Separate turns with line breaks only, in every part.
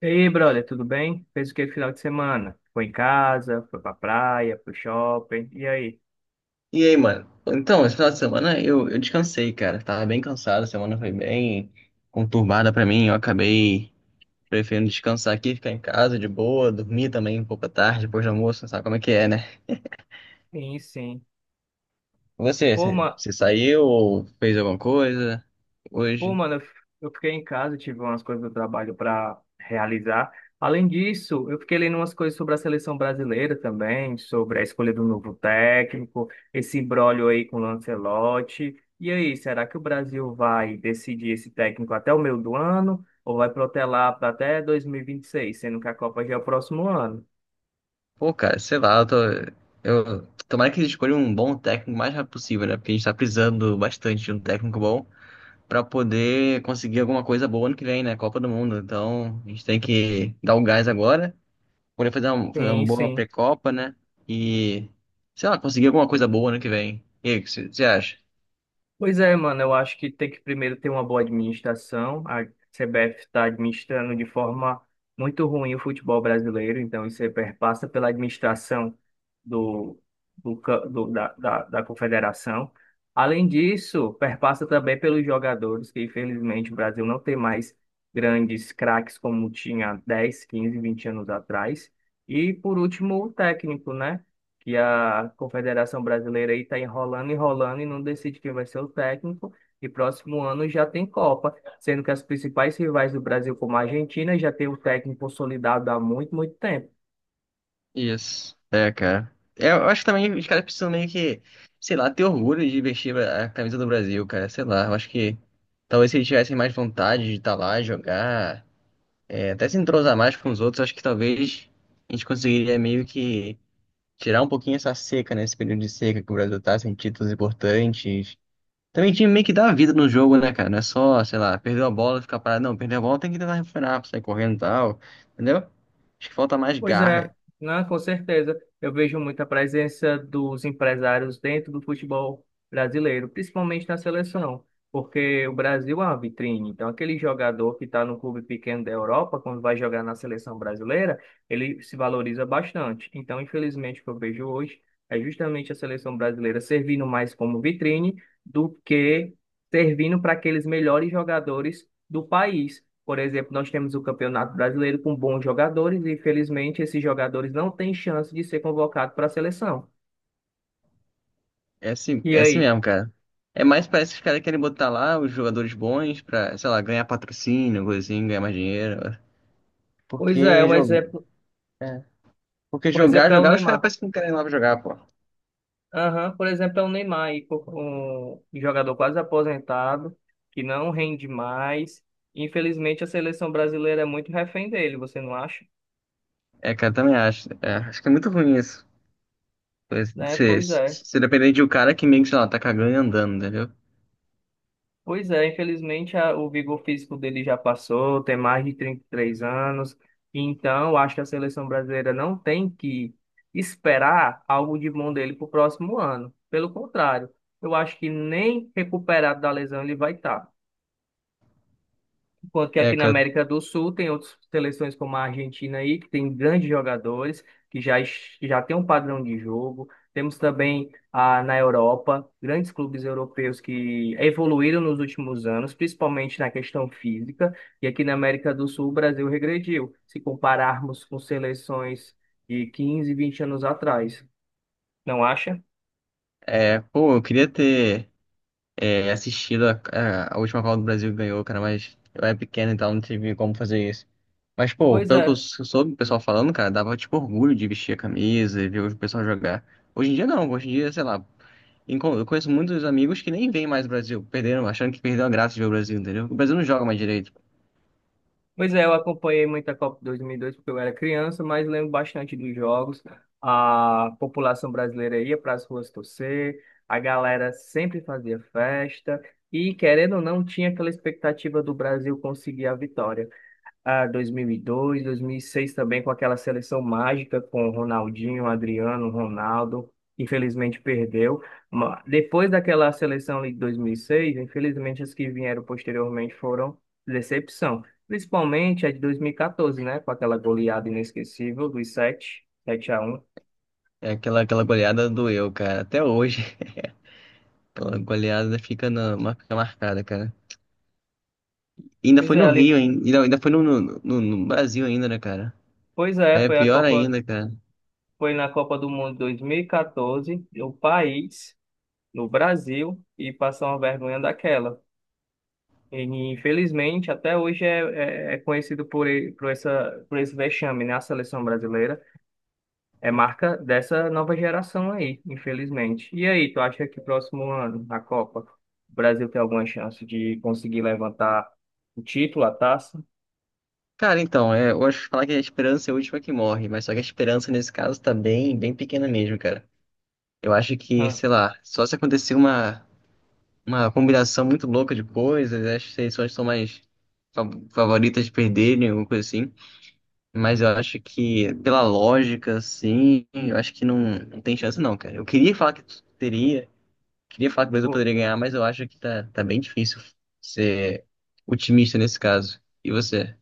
E aí, brother, tudo bem? Fez o que no final de semana? Foi em casa, foi pra praia, pro shopping, e aí?
E aí, mano? Então, esse final de semana eu descansei, cara. Tava bem cansado, a semana foi bem conturbada pra mim. Eu acabei preferindo descansar aqui, ficar em casa de boa, dormir também um pouco à tarde, depois do almoço, sabe como é que é, né?
Sim, sim.
Você,
Pô,
você
ma...
você saiu ou fez alguma coisa
Pô,
hoje?
mano, eu fiquei em casa, tive umas coisas do trabalho pra realizar. Além disso, eu fiquei lendo umas coisas sobre a seleção brasileira também, sobre a escolha do novo técnico, esse imbróglio aí com o Lancelotti. E aí, será que o Brasil vai decidir esse técnico até o meio do ano? Ou vai protelar para até 2026, sendo que a Copa já é o próximo ano?
Pô, cara, sei lá, eu tô. Eu, tomara que eles escolham um bom técnico o mais rápido possível, né? Porque a gente tá precisando bastante de um técnico bom pra poder conseguir alguma coisa boa ano que vem, né? Copa do Mundo. Então, a gente tem que dar o gás agora. Poder fazer uma
Sim,
boa
sim.
pré-copa, né? E, sei lá, conseguir alguma coisa boa ano que vem. E aí, o que você acha?
Pois é, mano, eu acho que tem que primeiro ter uma boa administração. A CBF está administrando de forma muito ruim o futebol brasileiro, então isso aí perpassa pela administração do, do, ca- do- da, da, da confederação. Além disso, perpassa também pelos jogadores, que infelizmente o Brasil não tem mais grandes craques como tinha 10, 15, 20 anos atrás. E por último, o técnico, né? Que a Confederação Brasileira aí está enrolando, enrolando e não decide quem vai ser o técnico. E próximo ano já tem Copa, sendo que as principais rivais do Brasil, como a Argentina, já tem o técnico consolidado há muito, muito tempo.
Isso. É, cara. É, eu acho que também os caras precisam meio que, sei lá, ter orgulho de vestir a camisa do Brasil, cara. Sei lá, eu acho que talvez se eles tivessem mais vontade de estar lá, jogar, é, até se entrosar mais com os outros, acho que talvez a gente conseguiria meio que tirar um pouquinho essa seca, né? Esse período de seca que o Brasil tá sem títulos importantes. Também tinha meio que dar vida no jogo, né, cara? Não é só, sei lá, perdeu a bola, ficar parado. Não, perdeu a bola, tem que tentar recuperar, sair correndo e tal. Entendeu? Acho que falta mais
Pois é,
garra.
né? Com certeza. Eu vejo muita presença dos empresários dentro do futebol brasileiro, principalmente na seleção, porque o Brasil é uma vitrine. Então, aquele jogador que está no clube pequeno da Europa, quando vai jogar na seleção brasileira, ele se valoriza bastante. Então, infelizmente, o que eu vejo hoje é justamente a seleção brasileira servindo mais como vitrine do que servindo para aqueles melhores jogadores do país. Por exemplo, nós temos o Campeonato Brasileiro com bons jogadores e, infelizmente, esses jogadores não têm chance de ser convocado para a seleção. E
É assim
aí?
mesmo, cara. É mais parece que os caras querem botar lá os jogadores bons pra, sei lá, ganhar patrocínio, coisa assim, ganhar mais dinheiro, né?
Pois é,
Porque, é. Porque
um
jogar,
exemplo é o
jogar, os caras
Neymar.
parecem que não querem lá pra jogar, pô.
Aham, por exemplo, é o Neymar, um jogador quase aposentado, que não rende mais. Infelizmente, a seleção brasileira é muito refém dele, você não acha?
É, cara, também acho. É, acho que é muito ruim isso.
Né?
Você,
Pois é.
você depender de um cara que meio que, sei lá, tá cagando e andando, entendeu?
Pois é, infelizmente o vigor físico dele já passou, tem mais de 33 anos, então eu acho que a seleção brasileira não tem que esperar algo de bom dele para o próximo ano. Pelo contrário, eu acho que nem recuperado da lesão ele vai estar. Enquanto que aqui
É,
na
cara.
América do Sul tem outras seleções como a Argentina aí, que tem grandes jogadores, que já tem um padrão de jogo. Temos também na Europa, grandes clubes europeus que evoluíram nos últimos anos, principalmente na questão física. E aqui na América do Sul, o Brasil regrediu, se compararmos com seleções de 15, 20 anos atrás. Não acha?
É, pô, eu queria ter. É, assistido a, a última Copa do Brasil que ganhou, cara, mas eu era pequeno, então não tive como fazer isso. Mas, pô,
Pois
pelo que eu
é.
soube o pessoal falando, cara, dava, tipo, orgulho de vestir a camisa e ver o pessoal jogar. Hoje em dia, não. Hoje em dia, sei lá, eu conheço muitos amigos que nem veem mais o Brasil, perderam, achando que perdeu a graça de ver o Brasil, entendeu? O Brasil não joga mais direito.
Pois é, eu acompanhei muito a Copa 2002 porque eu era criança, mas lembro bastante dos jogos. A população brasileira ia para as ruas torcer, a galera sempre fazia festa e, querendo ou não, tinha aquela expectativa do Brasil conseguir a vitória a 2002, 2006 também com aquela seleção mágica com Ronaldinho, Adriano, Ronaldo. Infelizmente perdeu. Depois daquela seleção ali de 2006, infelizmente as que vieram posteriormente foram decepção. Principalmente a de 2014, né? Com aquela goleada inesquecível dos 7 a 1.
É aquela goleada doeu, cara, até hoje. Aquela goleada fica, na, fica marcada, cara. E ainda
Pois
foi
é,
no
ali-
Rio, hein? Ainda foi no Brasil ainda, né, cara?
pois é,
Aí é pior ainda, cara.
Foi na Copa do Mundo 2014, no Brasil, e passou uma vergonha daquela. E, infelizmente, até hoje é conhecido por, e- por, essa, por esse vexame, né? A seleção brasileira é marca dessa nova geração aí, infelizmente. E aí, tu acha que próximo ano, na Copa, o Brasil tem alguma chance de conseguir levantar o título, a taça?
Cara, então, é, eu acho que falar que a esperança é a última que morre, mas só que a esperança nesse caso tá bem pequena mesmo, cara. Eu acho que,
Ah.
sei lá, só se acontecer uma combinação muito louca de coisas, acho que as seleções são mais fa- favoritas de perderem, alguma coisa assim. Mas eu acho que, pela lógica, assim, eu acho que não, não tem chance não, cara. Eu queria falar que teria, queria falar que o Brasil poderia ganhar, mas eu acho que tá bem difícil ser otimista nesse caso. E você?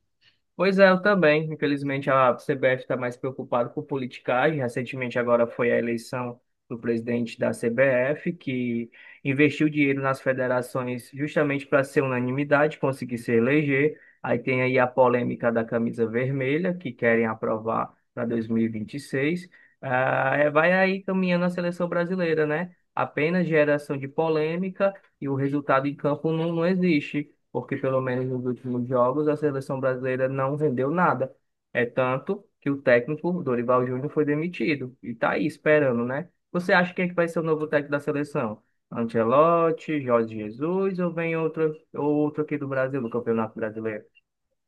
Pois é, eu também. Infelizmente, a CBF está mais preocupada com politicagem. Recentemente, agora foi a eleição do presidente da CBF, que investiu dinheiro nas federações justamente para ser unanimidade, conseguir se eleger. Aí tem aí a polêmica da camisa vermelha, que querem aprovar para 2026. Ah, é, vai aí caminhando a seleção brasileira, né? Apenas geração de polêmica e o resultado em campo não existe porque pelo menos nos últimos jogos a seleção brasileira não rendeu nada. É tanto que o técnico Dorival Júnior foi demitido e tá aí esperando, né? Você acha quem é que vai ser o novo técnico da seleção? Ancelotti, Jorge Jesus ou vem outro, ou outro aqui do Brasil, do Campeonato Brasileiro?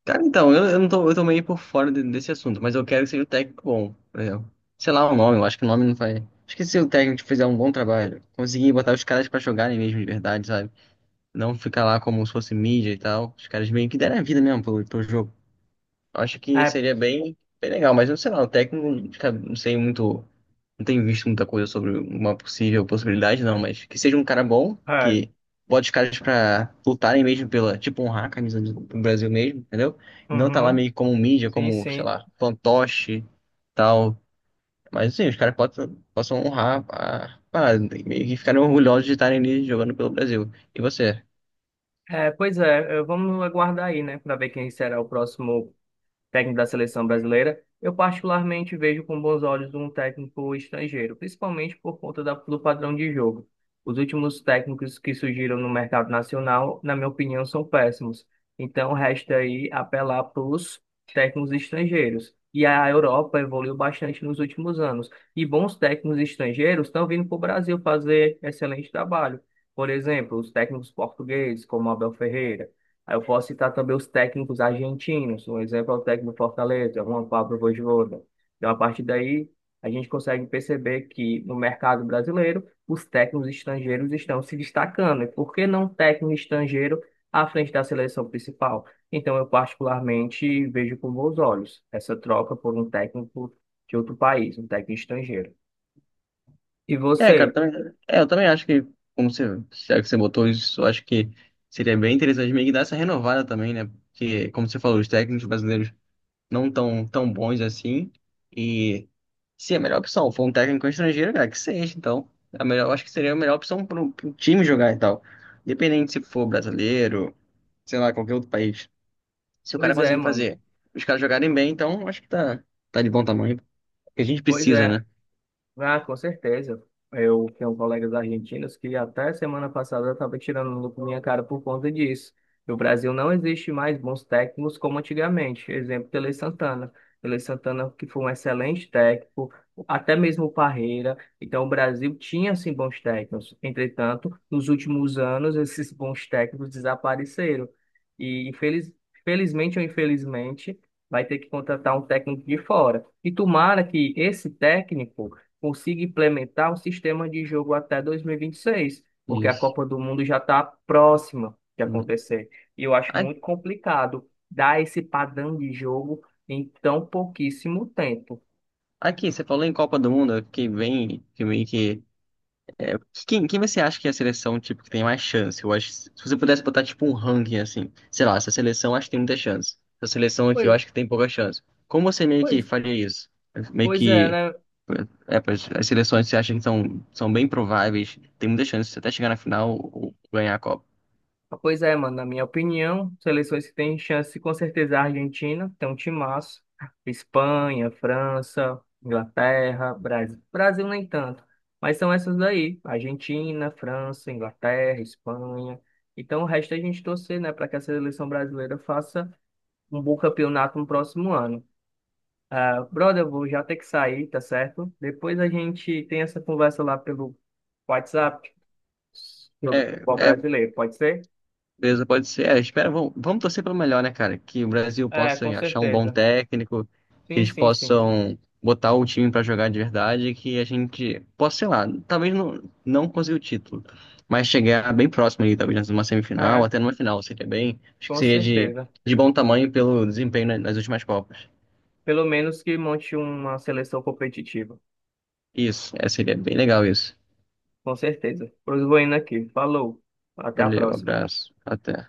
Cara, então, eu não tô, eu tô meio por fora desse assunto, mas eu quero que seja um técnico bom, por exemplo. Sei lá o nome, eu acho que o nome não vai. Acho que se o técnico fizer um bom trabalho, conseguir botar os caras pra jogarem mesmo de verdade, sabe? Não ficar lá como se fosse mídia e tal. Os caras meio que deram a vida mesmo pelo, pelo jogo. Eu acho que
É,
seria bem legal, mas eu sei lá, o técnico, cara, não sei muito, não tenho visto muita coisa sobre uma possível possibilidade, não, mas que seja um cara bom,
é,
que bote os caras pra lutarem mesmo pela, tipo, honrar a camisa do Brasil mesmo, entendeu? E não tá lá
uhum,
meio como mídia,
sim,
como, sei
sim.
lá, fantoche, tal. Mas, assim, os caras possam honrar a parada, né? E meio que ficarem orgulhosos de estarem ali jogando pelo Brasil. E você?
Vamos aguardar aí, né, para ver quem será o próximo técnico da seleção brasileira. Eu particularmente vejo com bons olhos um técnico estrangeiro, principalmente por conta do padrão de jogo. Os últimos técnicos que surgiram no mercado nacional, na minha opinião, são péssimos. Então, resta aí apelar para os técnicos estrangeiros. E a Europa evoluiu bastante nos últimos anos. E bons técnicos estrangeiros estão vindo para o Brasil fazer excelente trabalho. Por exemplo, os técnicos portugueses, como Abel Ferreira. Aí eu posso citar também os técnicos argentinos. Um exemplo é o técnico do Fortaleza, Juan Pablo Vojvoda. Então, a partir daí, a gente consegue perceber que no mercado brasileiro, os técnicos estrangeiros estão se destacando. E por que não técnico estrangeiro à frente da seleção principal? Então, eu particularmente vejo com bons olhos essa troca por um técnico de outro país, um técnico estrangeiro. E
É, cara, eu
você?
também, é, eu também acho que, como você, já que você botou isso, eu acho que seria bem interessante meio que dar essa renovada também, né? Porque, como você falou, os técnicos brasileiros não tão bons assim. E se a melhor opção for um técnico estrangeiro, cara, que seja, então. A melhor, eu acho que seria a melhor opção para um time jogar e tal. Independente se for brasileiro, sei lá, qualquer outro país. Se o cara
Pois é,
conseguir
mano.
fazer os caras jogarem bem, então acho que tá de bom tamanho. Porque a gente
Pois
precisa,
é.
né?
Ah, com certeza. Eu tenho colegas argentinos que até semana passada estavam tirando no com minha cara por conta disso. No Brasil não existe mais bons técnicos como antigamente. Exemplo, Tele Santana. Tele Santana que foi um excelente técnico, até mesmo o Parreira. Então o Brasil tinha sim bons técnicos. Entretanto, nos últimos anos esses bons técnicos desapareceram. E infeliz... felizmente ou infelizmente vai ter que contratar um técnico de fora. E tomara que esse técnico consiga implementar um sistema de jogo até 2026, porque a
Isso.
Copa do Mundo já está próxima de acontecer. E eu acho
A-
muito complicado dar esse padrão de jogo em tão pouquíssimo tempo.
Aqui, você falou em Copa do Mundo, eu fiquei bem, fiquei meio que. Quem você acha que é a seleção, tipo, que tem mais chance? Eu acho, se você pudesse botar, tipo, um ranking, assim, sei lá, essa seleção eu acho que tem muita chance. Essa seleção aqui eu
Pois,
acho que tem pouca chance. Como você meio que
pois,
faria isso? Meio
pois é,
que,
né?
é, pois, as seleções que você acha que são bem prováveis, tem muita chance de você até chegar na final ou ganhar a Copa.
Ah, pois é, mano, na minha opinião, seleções que têm chance, com certeza é a Argentina, tem um timaço. Espanha, França, Inglaterra, Brasil. Brasil nem tanto, mas são essas daí. Argentina, França, Inglaterra, Espanha. Então o resto é a gente torcer, né, para que a seleção brasileira faça um bom campeonato no próximo ano. Ah, brother, eu vou já ter que sair, tá certo? Depois a gente tem essa conversa lá pelo WhatsApp sobre o
É,
futebol
é,
brasileiro, pode ser?
beleza, pode ser. É, espera, vamos torcer para o melhor, né, cara? Que o Brasil
É,
possa
com
achar um bom
certeza.
técnico, que
Sim,
eles
sim, sim.
possam botar o time para jogar de verdade, que a gente possa, sei lá, talvez não, não conseguir o título, mas chegar bem próximo ali, talvez numa semifinal,
É,
até numa final, seria bem. Acho que
com
seria
certeza.
de bom tamanho pelo desempenho nas últimas Copas.
Pelo menos que monte uma seleção competitiva.
Isso, é, seria bem legal isso.
Com certeza. Pois vou indo aqui. Falou. Até a
Valeu,
próxima.
abraço, até.